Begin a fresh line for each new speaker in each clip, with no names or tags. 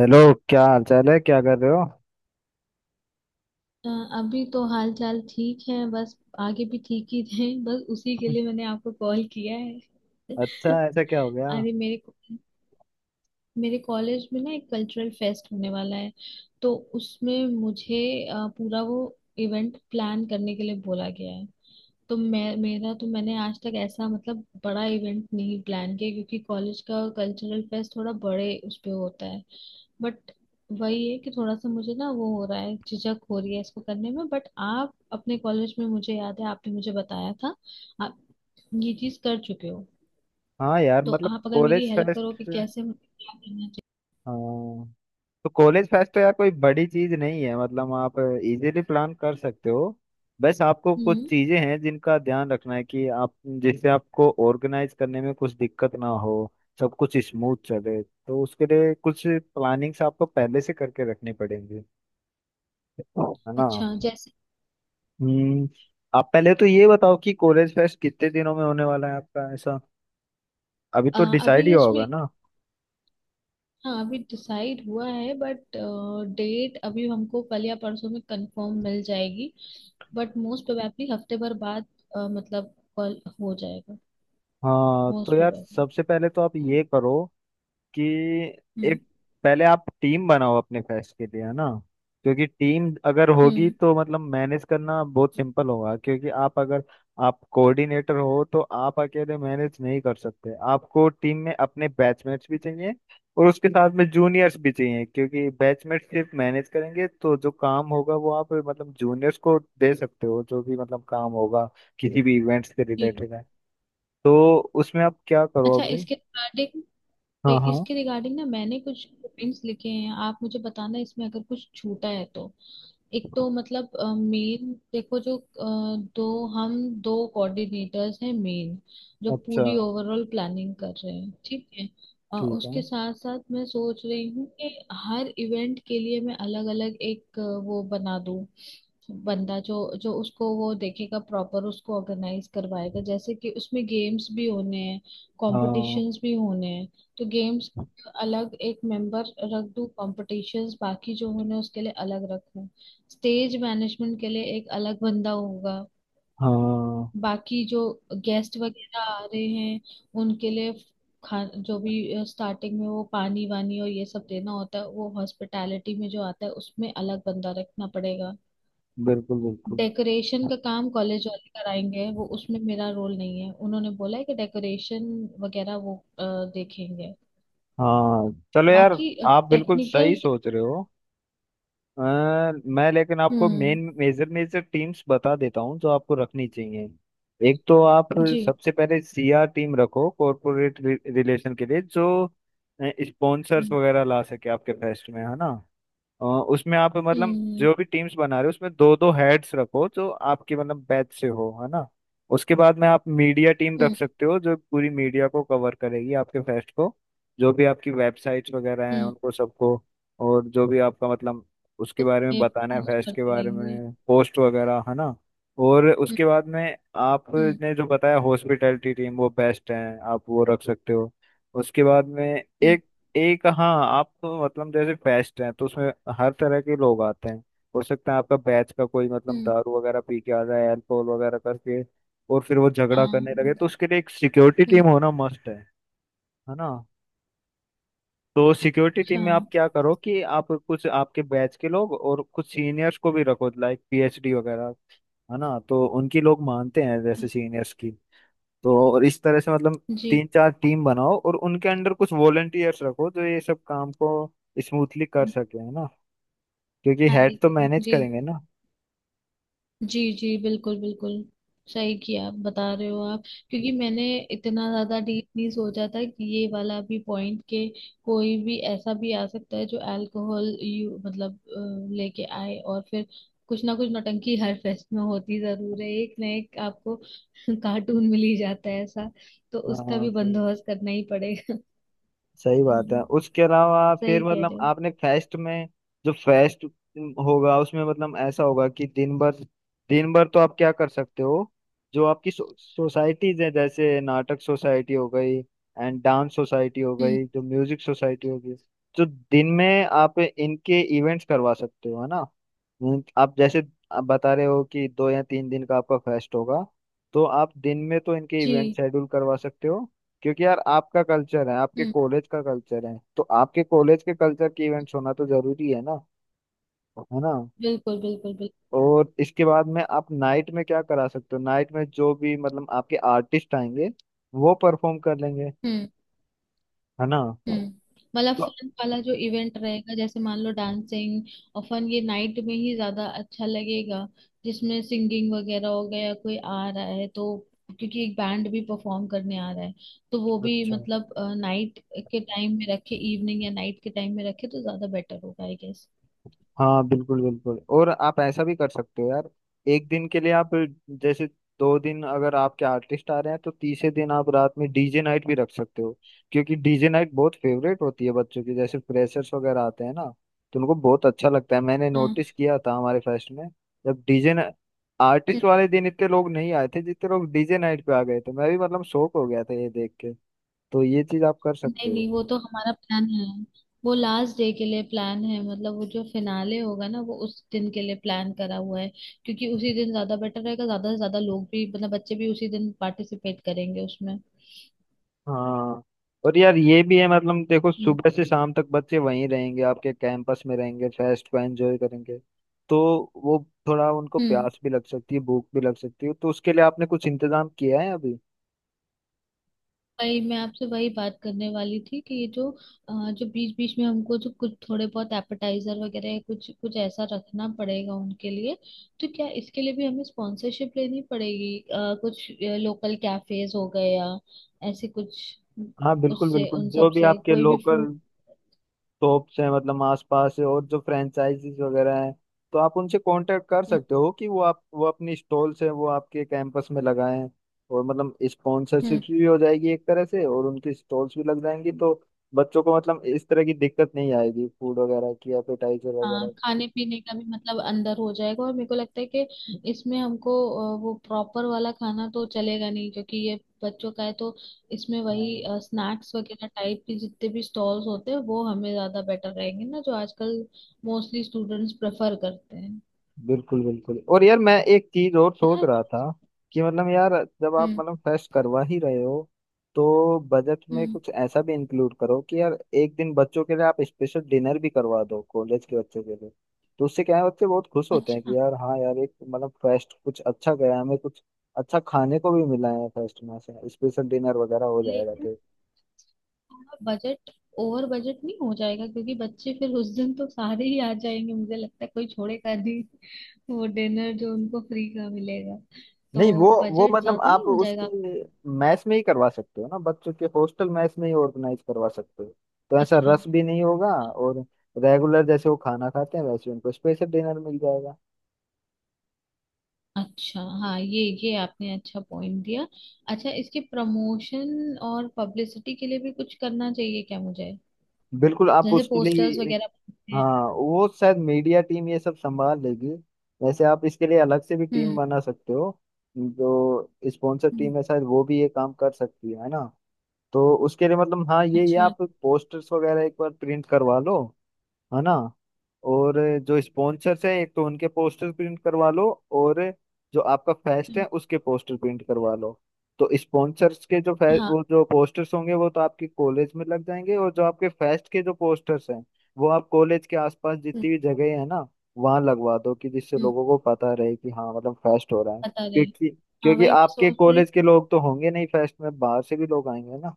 Hello. क्या हाल चाल है, क्या कर रहे हो?
अ, अभी तो हाल चाल ठीक है। बस आगे भी ठीक ही रहे, बस उसी के लिए मैंने आपको कॉल किया है।
अच्छा, ऐसा क्या हो गया?
अरे मेरे मेरे कॉलेज में ना एक कल्चरल फेस्ट होने वाला है। तो उसमें मुझे पूरा वो इवेंट प्लान करने के लिए बोला गया है। तो मैं मेरा तो मैंने आज तक ऐसा मतलब बड़ा इवेंट नहीं प्लान किया, क्योंकि कॉलेज का कल्चरल फेस्ट थोड़ा बड़े उस पे होता है। बट वही है कि थोड़ा सा मुझे ना वो हो रहा है, झिझक हो रही है इसको करने में। बट आप अपने कॉलेज में, मुझे याद है आपने मुझे बताया था, आप ये चीज कर चुके हो।
हाँ यार,
तो
मतलब
आप अगर मेरी
कॉलेज
हेल्प करो
फेस्ट।
कि कैसे मुझे क्या करना
हाँ, तो कॉलेज फेस्ट तो यार कोई बड़ी चीज नहीं है, मतलब आप इजीली प्लान कर सकते हो। बस आपको
चाहिए।
कुछ
हम्म।
चीजें हैं जिनका ध्यान रखना है कि आप, जिससे आपको ऑर्गेनाइज करने में कुछ दिक्कत ना हो, सब कुछ स्मूथ चले, तो उसके लिए कुछ प्लानिंग्स आपको पहले से करके रखनी पड़ेंगी, है ना?
अच्छा, जैसे
हम्म आप पहले तो ये बताओ कि कॉलेज फेस्ट कितने दिनों में होने वाला है आपका, ऐसा अभी
अ,
तो डिसाइड ही
अभी इसमें,
होगा ना?
हाँ अभी डिसाइड हुआ है। बट डेट अभी हमको कल या परसों में कंफर्म मिल जाएगी। बट मोस्ट प्रोबेबली हफ्ते भर बाद मतलब कॉल हो जाएगा।
हाँ, तो
मोस्ट
यार
प्रोबेबली।
सबसे पहले तो आप ये करो कि
हम्म।
एक पहले आप टीम बनाओ अपने फेस्ट के लिए, है ना? क्योंकि टीम अगर होगी
हम्म।
तो मतलब मैनेज करना बहुत सिंपल होगा, क्योंकि आप अगर आप कोऑर्डिनेटर हो तो आप अकेले मैनेज नहीं कर सकते, आपको टीम में अपने बैचमेट्स भी चाहिए और उसके साथ में जूनियर्स भी चाहिए, क्योंकि बैचमेट सिर्फ मैनेज करेंगे तो जो काम होगा वो आप मतलब जूनियर्स को दे सकते हो, जो भी मतलब काम होगा किसी भी इवेंट्स के
जी।
रिलेटेड है। तो उसमें आप क्या करो
अच्छा,
अभी। हाँ हाँ।
इसके रिगार्डिंग ना मैंने कुछ पॉइंट्स लिखे हैं, आप मुझे बताना इसमें अगर कुछ छूटा है तो। एक तो मतलब मेन देखो जो दो कोऑर्डिनेटर्स हैं मेन, जो
अच्छा,
पूरी ओवरऑल प्लानिंग कर रहे हैं, ठीक है।
ठीक
उसके
है।
साथ साथ मैं सोच रही हूँ कि हर इवेंट के लिए मैं अलग अलग एक वो बना दूँ। बंदा जो जो उसको वो देखेगा, प्रॉपर उसको ऑर्गेनाइज करवाएगा। जैसे कि उसमें गेम्स भी होने हैं,
हाँ
कॉम्पिटिशन्स भी होने हैं। तो गेम्स अलग एक मेंबर रख दूं, कॉम्पिटिशन्स बाकी जो होने हैं, उसके लिए अलग रखूं। स्टेज मैनेजमेंट के लिए एक अलग बंदा होगा।
हाँ,
बाकी जो गेस्ट वगैरह आ रहे हैं उनके लिए, खा जो भी स्टार्टिंग में वो पानी वानी और ये सब देना होता है, वो हॉस्पिटैलिटी में जो आता है, उसमें अलग बंदा रखना पड़ेगा।
बिल्कुल बिल्कुल।
डेकोरेशन का काम कॉलेज वाले कराएंगे, वो उसमें मेरा रोल नहीं है। उन्होंने बोला है कि डेकोरेशन वगैरह वो देखेंगे।
हाँ चलो यार,
बाकी
आप बिल्कुल सही
टेक्निकल।
सोच रहे हो। अ, मैं लेकिन आपको
हम्म।
मेन मेजर मेजर टीम्स बता देता हूँ जो आपको रखनी चाहिए। एक तो आप
जी।
सबसे पहले सीआर टीम रखो कॉरपोरेट रिलेशन के लिए, जो स्पॉन्सर्स
हम्म।
वगैरह ला सके आपके फेस्ट में, है ना? उसमें आप मतलब
हम्म।
जो भी टीम्स बना रहे हो उसमें दो दो हेड्स रखो जो आपके मतलब बैच से हो, है ना? उसके बाद में आप मीडिया टीम रख
हम्म।
सकते हो जो पूरी मीडिया को कवर करेगी आपके फेस्ट को, जो भी आपकी वेबसाइट्स वगैरह हैं
हम्म।
उनको सबको। और जो भी आपका मतलब उसके बारे में
मैं
बताना है
पोस्ट
फेस्ट के
करती
बारे
रहेंगी।
में, पोस्ट वगैरह, है ना? और
हम्म।
उसके बाद में
हम्म।
आपने जो बताया हॉस्पिटैलिटी टीम, वो बेस्ट है, आप वो रख सकते हो। उसके बाद में
हम्म।
एक एक हाँ, आप तो मतलब जैसे फेस्ट है तो उसमें हर तरह के लोग आते हैं। हो सकता है आपका बैच का कोई मतलब
हम्म।
दारू वगैरह पी के आ जाए, अल्कोहल वगैरह करके, और फिर वो झगड़ा
हाँ।
करने लगे, तो उसके लिए एक सिक्योरिटी
हम्म।
टीम होना मस्ट है ना? तो सिक्योरिटी टीम में आप
अच्छा।
क्या करो कि आप कुछ आपके बैच के लोग और कुछ सीनियर्स को भी रखो, लाइक पीएचडी वगैरह, है ना? तो उनकी लोग मानते हैं जैसे सीनियर्स की। तो और इस तरह से मतलब
जी।
तीन चार टीम बनाओ और उनके अंडर कुछ वॉलेंटियर्स रखो जो ये सब काम को स्मूथली कर सके, है ना? क्योंकि
हैंडल
हेड तो
करें।
मैनेज
जी
करेंगे ना।
जी जी, बिल्कुल बिल्कुल। सही किया आप, बता रहे हो आप। क्योंकि मैंने इतना ज्यादा डीप नहीं सोचा था कि ये वाला भी पॉइंट के कोई भी ऐसा भी आ सकता है जो अल्कोहल यू मतलब लेके आए और फिर कुछ ना कुछ नौटंकी हर फेस्ट में होती जरूर है, एक ना एक आपको कार्टून मिल ही जाता है ऐसा। तो उसका भी
हाँ
बंदोबस्त करना ही पड़ेगा।
सही बात है।
हम्म।
उसके अलावा
सही
फिर
कह
मतलब
रहे हो।
आपने फेस्ट में, जो फेस्ट होगा उसमें मतलब ऐसा होगा कि दिन भर, दिन भर तो आप क्या कर सकते हो, जो आपकी सोसाइटीज है, जैसे नाटक सोसाइटी हो गई एंड डांस सोसाइटी हो
हम्म।
गई, जो म्यूजिक सोसाइटी हो गई, तो दिन में आप इनके इवेंट्स करवा सकते हो, है ना? आप जैसे आप बता रहे हो कि 2 या 3 दिन का आपका फेस्ट होगा, तो आप दिन में तो इनके
जी।
इवेंट शेड्यूल करवा सकते हो, क्योंकि यार आपका कल्चर है, आपके
हम्म।
कॉलेज का कल्चर है, तो आपके कॉलेज के कल्चर की इवेंट्स होना तो जरूरी है ना, है ना?
बिल्कुल बिल्कुल बिल्कुल।
और इसके बाद में आप नाइट में क्या करा सकते हो, नाइट में जो भी मतलब आपके आर्टिस्ट आएंगे वो परफॉर्म कर लेंगे,
हम्म।
है ना?
हम्म। मतलब
तो-
फन वाला जो इवेंट रहेगा, जैसे मान लो डांसिंग और फन, ये नाइट में ही ज्यादा अच्छा लगेगा। जिसमें सिंगिंग वगैरह हो गया या कोई आ रहा है तो, क्योंकि एक बैंड भी परफॉर्म करने आ रहा है। तो वो भी
अच्छा।
मतलब नाइट के टाइम में रखे, इवनिंग या नाइट के टाइम में रखे तो ज्यादा बेटर होगा, आई गेस।
हाँ बिल्कुल बिल्कुल, और आप ऐसा भी कर सकते हो यार, एक दिन के लिए आप, जैसे 2 दिन अगर आपके आर्टिस्ट आ रहे हैं तो तीसरे दिन आप रात में डीजे नाइट भी रख सकते हो, क्योंकि डीजे नाइट बहुत फेवरेट होती है बच्चों की, जैसे फ्रेशर्स वगैरह आते हैं ना, तो उनको बहुत अच्छा लगता है। मैंने
हाँ।
नोटिस किया था हमारे फेस्ट में, जब डीजे आर्टिस्ट वाले दिन इतने लोग नहीं आए थे जितने लोग डीजे नाइट पे आ गए थे, मैं भी मतलब शौक हो गया था ये देख के। तो ये चीज आप कर सकते
नहीं
हो।
नहीं, वो तो हमारा प्लान है। वो लास्ट डे के लिए प्लान है, मतलब वो जो फिनाले होगा ना, वो उस दिन के लिए प्लान करा हुआ है। क्योंकि उसी दिन ज्यादा बेटर रहेगा, ज्यादा से ज्यादा लोग भी मतलब बच्चे भी उसी दिन पार्टिसिपेट करेंगे उसमें।
हाँ, और यार ये भी है, मतलब देखो,
हम्म।
सुबह से शाम तक बच्चे वहीं रहेंगे, आपके कैंपस में रहेंगे, फेस्ट को एंजॉय करेंगे, तो वो, थोड़ा उनको
हम्म।
प्यास भी लग सकती है, भूख भी लग सकती है, तो उसके लिए आपने कुछ इंतजाम किया है अभी?
वही मैं आपसे वही बात करने वाली थी कि ये जो जो बीच बीच में हमको जो कुछ थोड़े बहुत एपेटाइजर वगैरह या कुछ कुछ ऐसा रखना पड़ेगा उनके लिए। तो क्या इसके लिए भी हमें स्पॉन्सरशिप लेनी पड़ेगी कुछ लोकल कैफेज हो गए या ऐसे कुछ,
हाँ बिल्कुल
उससे
बिल्कुल,
उन सब
जो भी
से
आपके
कोई भी
लोकल
फूड।
शॉप्स हैं मतलब आसपास है, और जो फ्रेंचाइजीज वगैरह हैं, तो आप उनसे कांटेक्ट कर सकते हो कि वो, आप वो अपनी स्टॉल्स हैं वो आपके कैंपस में लगाएं, और मतलब स्पॉन्सरशिप
हम्म।
भी हो जाएगी एक तरह से, और उनकी स्टॉल्स भी लग जाएंगी, तो बच्चों को मतलब इस तरह की दिक्कत नहीं आएगी फूड वगैरह की, एपेटाइजर
हाँ
वगैरह की।
खाने पीने का भी मतलब अंदर हो जाएगा। और मेरे को लगता है कि इसमें हमको वो प्रॉपर वाला खाना तो चलेगा नहीं, क्योंकि ये बच्चों का है। तो इसमें वही
हाँ
स्नैक्स वगैरह टाइप के जितने भी स्टॉल्स होते हैं वो हमें ज्यादा बेटर रहेंगे ना, जो आजकल मोस्टली स्टूडेंट्स प्रेफर करते हैं,
बिल्कुल बिल्कुल, और यार मैं एक चीज और
है
सोच
ना।
रहा था कि मतलब यार, जब आप
हम्म।
मतलब फेस्ट करवा ही रहे हो तो बजट में
हम्म।
कुछ ऐसा भी इंक्लूड करो कि यार एक दिन बच्चों के लिए आप स्पेशल डिनर भी करवा दो, कॉलेज के बच्चों के लिए। तो उससे क्या है, बच्चे बहुत खुश होते हैं
अच्छा।
कि यार, हाँ यार, एक मतलब फेस्ट कुछ अच्छा गया हमें, कुछ अच्छा खाने को भी मिला है फेस्ट में, ऐसा स्पेशल डिनर वगैरह हो जाएगा
लेकिन
तो।
बजट, ओवर बजट नहीं हो जाएगा? क्योंकि बच्चे फिर उस दिन तो सारे ही आ जाएंगे, मुझे लगता है कोई छोड़ेगा नहीं। वो डिनर जो उनको फ्री का मिलेगा। तो
नहीं, वो
बजट
मतलब
ज्यादा नहीं
आप
हो जाएगा?
उसकी मैच में ही करवा सकते हो ना, बच्चों के हॉस्टल मैच में ही ऑर्गेनाइज करवा सकते हो, तो ऐसा
अच्छा।
रस भी नहीं होगा, और रेगुलर जैसे वो खाना खाते हैं वैसे उनको स्पेशल डिनर मिल जाएगा।
अच्छा हाँ, ये आपने अच्छा पॉइंट दिया। अच्छा, इसके प्रमोशन और पब्लिसिटी के लिए भी कुछ करना चाहिए क्या मुझे?
बिल्कुल, आप
जैसे
उसके लिए भी
पोस्टर्स
एक
वगैरह बनाते हैं।
हाँ, वो शायद मीडिया टीम ये सब संभाल लेगी, वैसे आप इसके लिए अलग से भी टीम
हम्म।
बना सकते हो, जो स्पॉन्सर
हम्म।
टीम है शायद वो भी ये काम कर सकती है ना? तो उसके लिए मतलब हाँ, ये
अच्छा।
आप पोस्टर्स वगैरह एक बार प्रिंट करवा लो, है ना? और जो स्पॉन्सर्स हैं, एक तो उनके पोस्टर प्रिंट करवा लो, और जो आपका फेस्ट है
हम्म।
उसके पोस्टर प्रिंट करवा लो। तो स्पॉन्सर्स के जो
हाँ।
वो जो पोस्टर्स होंगे वो तो आपके कॉलेज में लग जाएंगे, और जो आपके फेस्ट के जो पोस्टर्स हैं वो आप कॉलेज के आसपास
हम्म।
जितनी भी जगह है ना, वहां लगवा दो, कि जिससे
हम्म,
लोगों को पता रहे कि हाँ मतलब फेस्ट हो रहा है,
बता रहे हैं।
क्योंकि
हाँ
क्योंकि आपके कॉलेज के लोग तो होंगे नहीं फेस्ट में, बाहर से भी लोग आएंगे ना।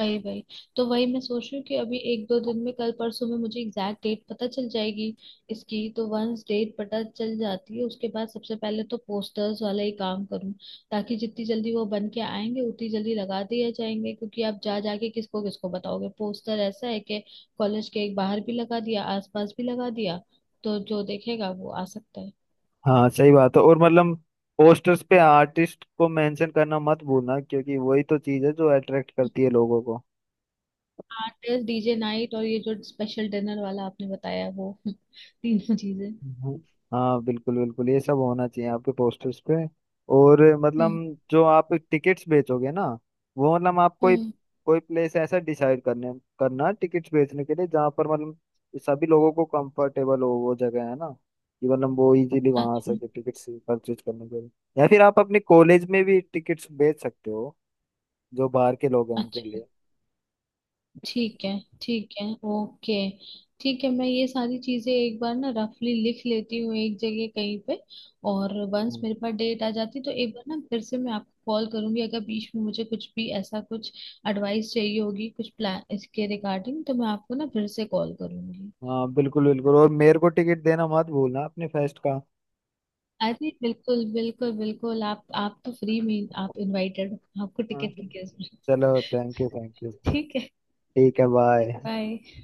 वही वही तो वही मैं सोच रही हूँ कि अभी एक दो दिन में कल परसों में मुझे एग्जैक्ट डेट पता चल जाएगी इसकी। तो वंस डेट पता चल जाती है उसके बाद सबसे पहले तो पोस्टर्स वाला ही काम करूँ, ताकि जितनी जल्दी वो बन के आएंगे उतनी जल्दी लगा दिए जाएंगे। क्योंकि आप जा जाके किसको किसको बताओगे, पोस्टर ऐसा है कि कॉलेज के एक बाहर भी लगा दिया, आसपास भी लगा दिया, तो जो देखेगा वो आ सकता है।
हाँ सही बात है, और मतलब पोस्टर्स पे आर्टिस्ट को मेंशन करना मत भूलना, क्योंकि वही तो चीज है जो अट्रैक्ट करती है लोगों को।
आर्टिस्ट, डीजे नाइट और ये जो स्पेशल डिनर वाला आपने बताया वो, तीनों चीजें।
हम्म। हाँ बिल्कुल बिल्कुल, ये सब होना चाहिए आपके पोस्टर्स पे। और मतलब
हम्म।
जो आप टिकट्स बेचोगे ना, वो मतलब आप कोई
हम्म।
कोई प्लेस ऐसा डिसाइड करने करना टिकट्स बेचने के लिए, जहाँ पर मतलब सभी लोगों को कंफर्टेबल हो वो जगह, है ना? कि मतलब वो इजीली वहां आ
अच्छा।
सके टिकट्स परचेज करने के लिए, या फिर आप अपने कॉलेज में भी टिकट्स बेच सकते हो जो बाहर के लोग हैं उनके
अच्छा
लिए।
ठीक है। ठीक है। ओके। ठीक है, मैं ये सारी चीजें एक बार ना रफली लिख लेती हूँ एक जगह कहीं पे। और वंस
हम्म।
मेरे पास डेट आ जाती तो एक बार ना फिर से मैं आपको कॉल करूंगी। अगर बीच में मुझे कुछ भी ऐसा कुछ एडवाइस चाहिए होगी, कुछ प्लान इसके रिगार्डिंग, तो मैं आपको ना फिर से कॉल करूंगी।
हाँ बिल्कुल बिल्कुल, और मेरे को टिकट देना मत भूलना अपने फेस्ट का।
अरे बिल्कुल बिल्कुल बिल्कुल, आप तो फ्री में आप इनवाइटेड। आपको
हाँ
टिकट की क्या
चलो,
जरूरत।
Thank you thank you.
ठीक है।
ठीक है, बाय।
बाय।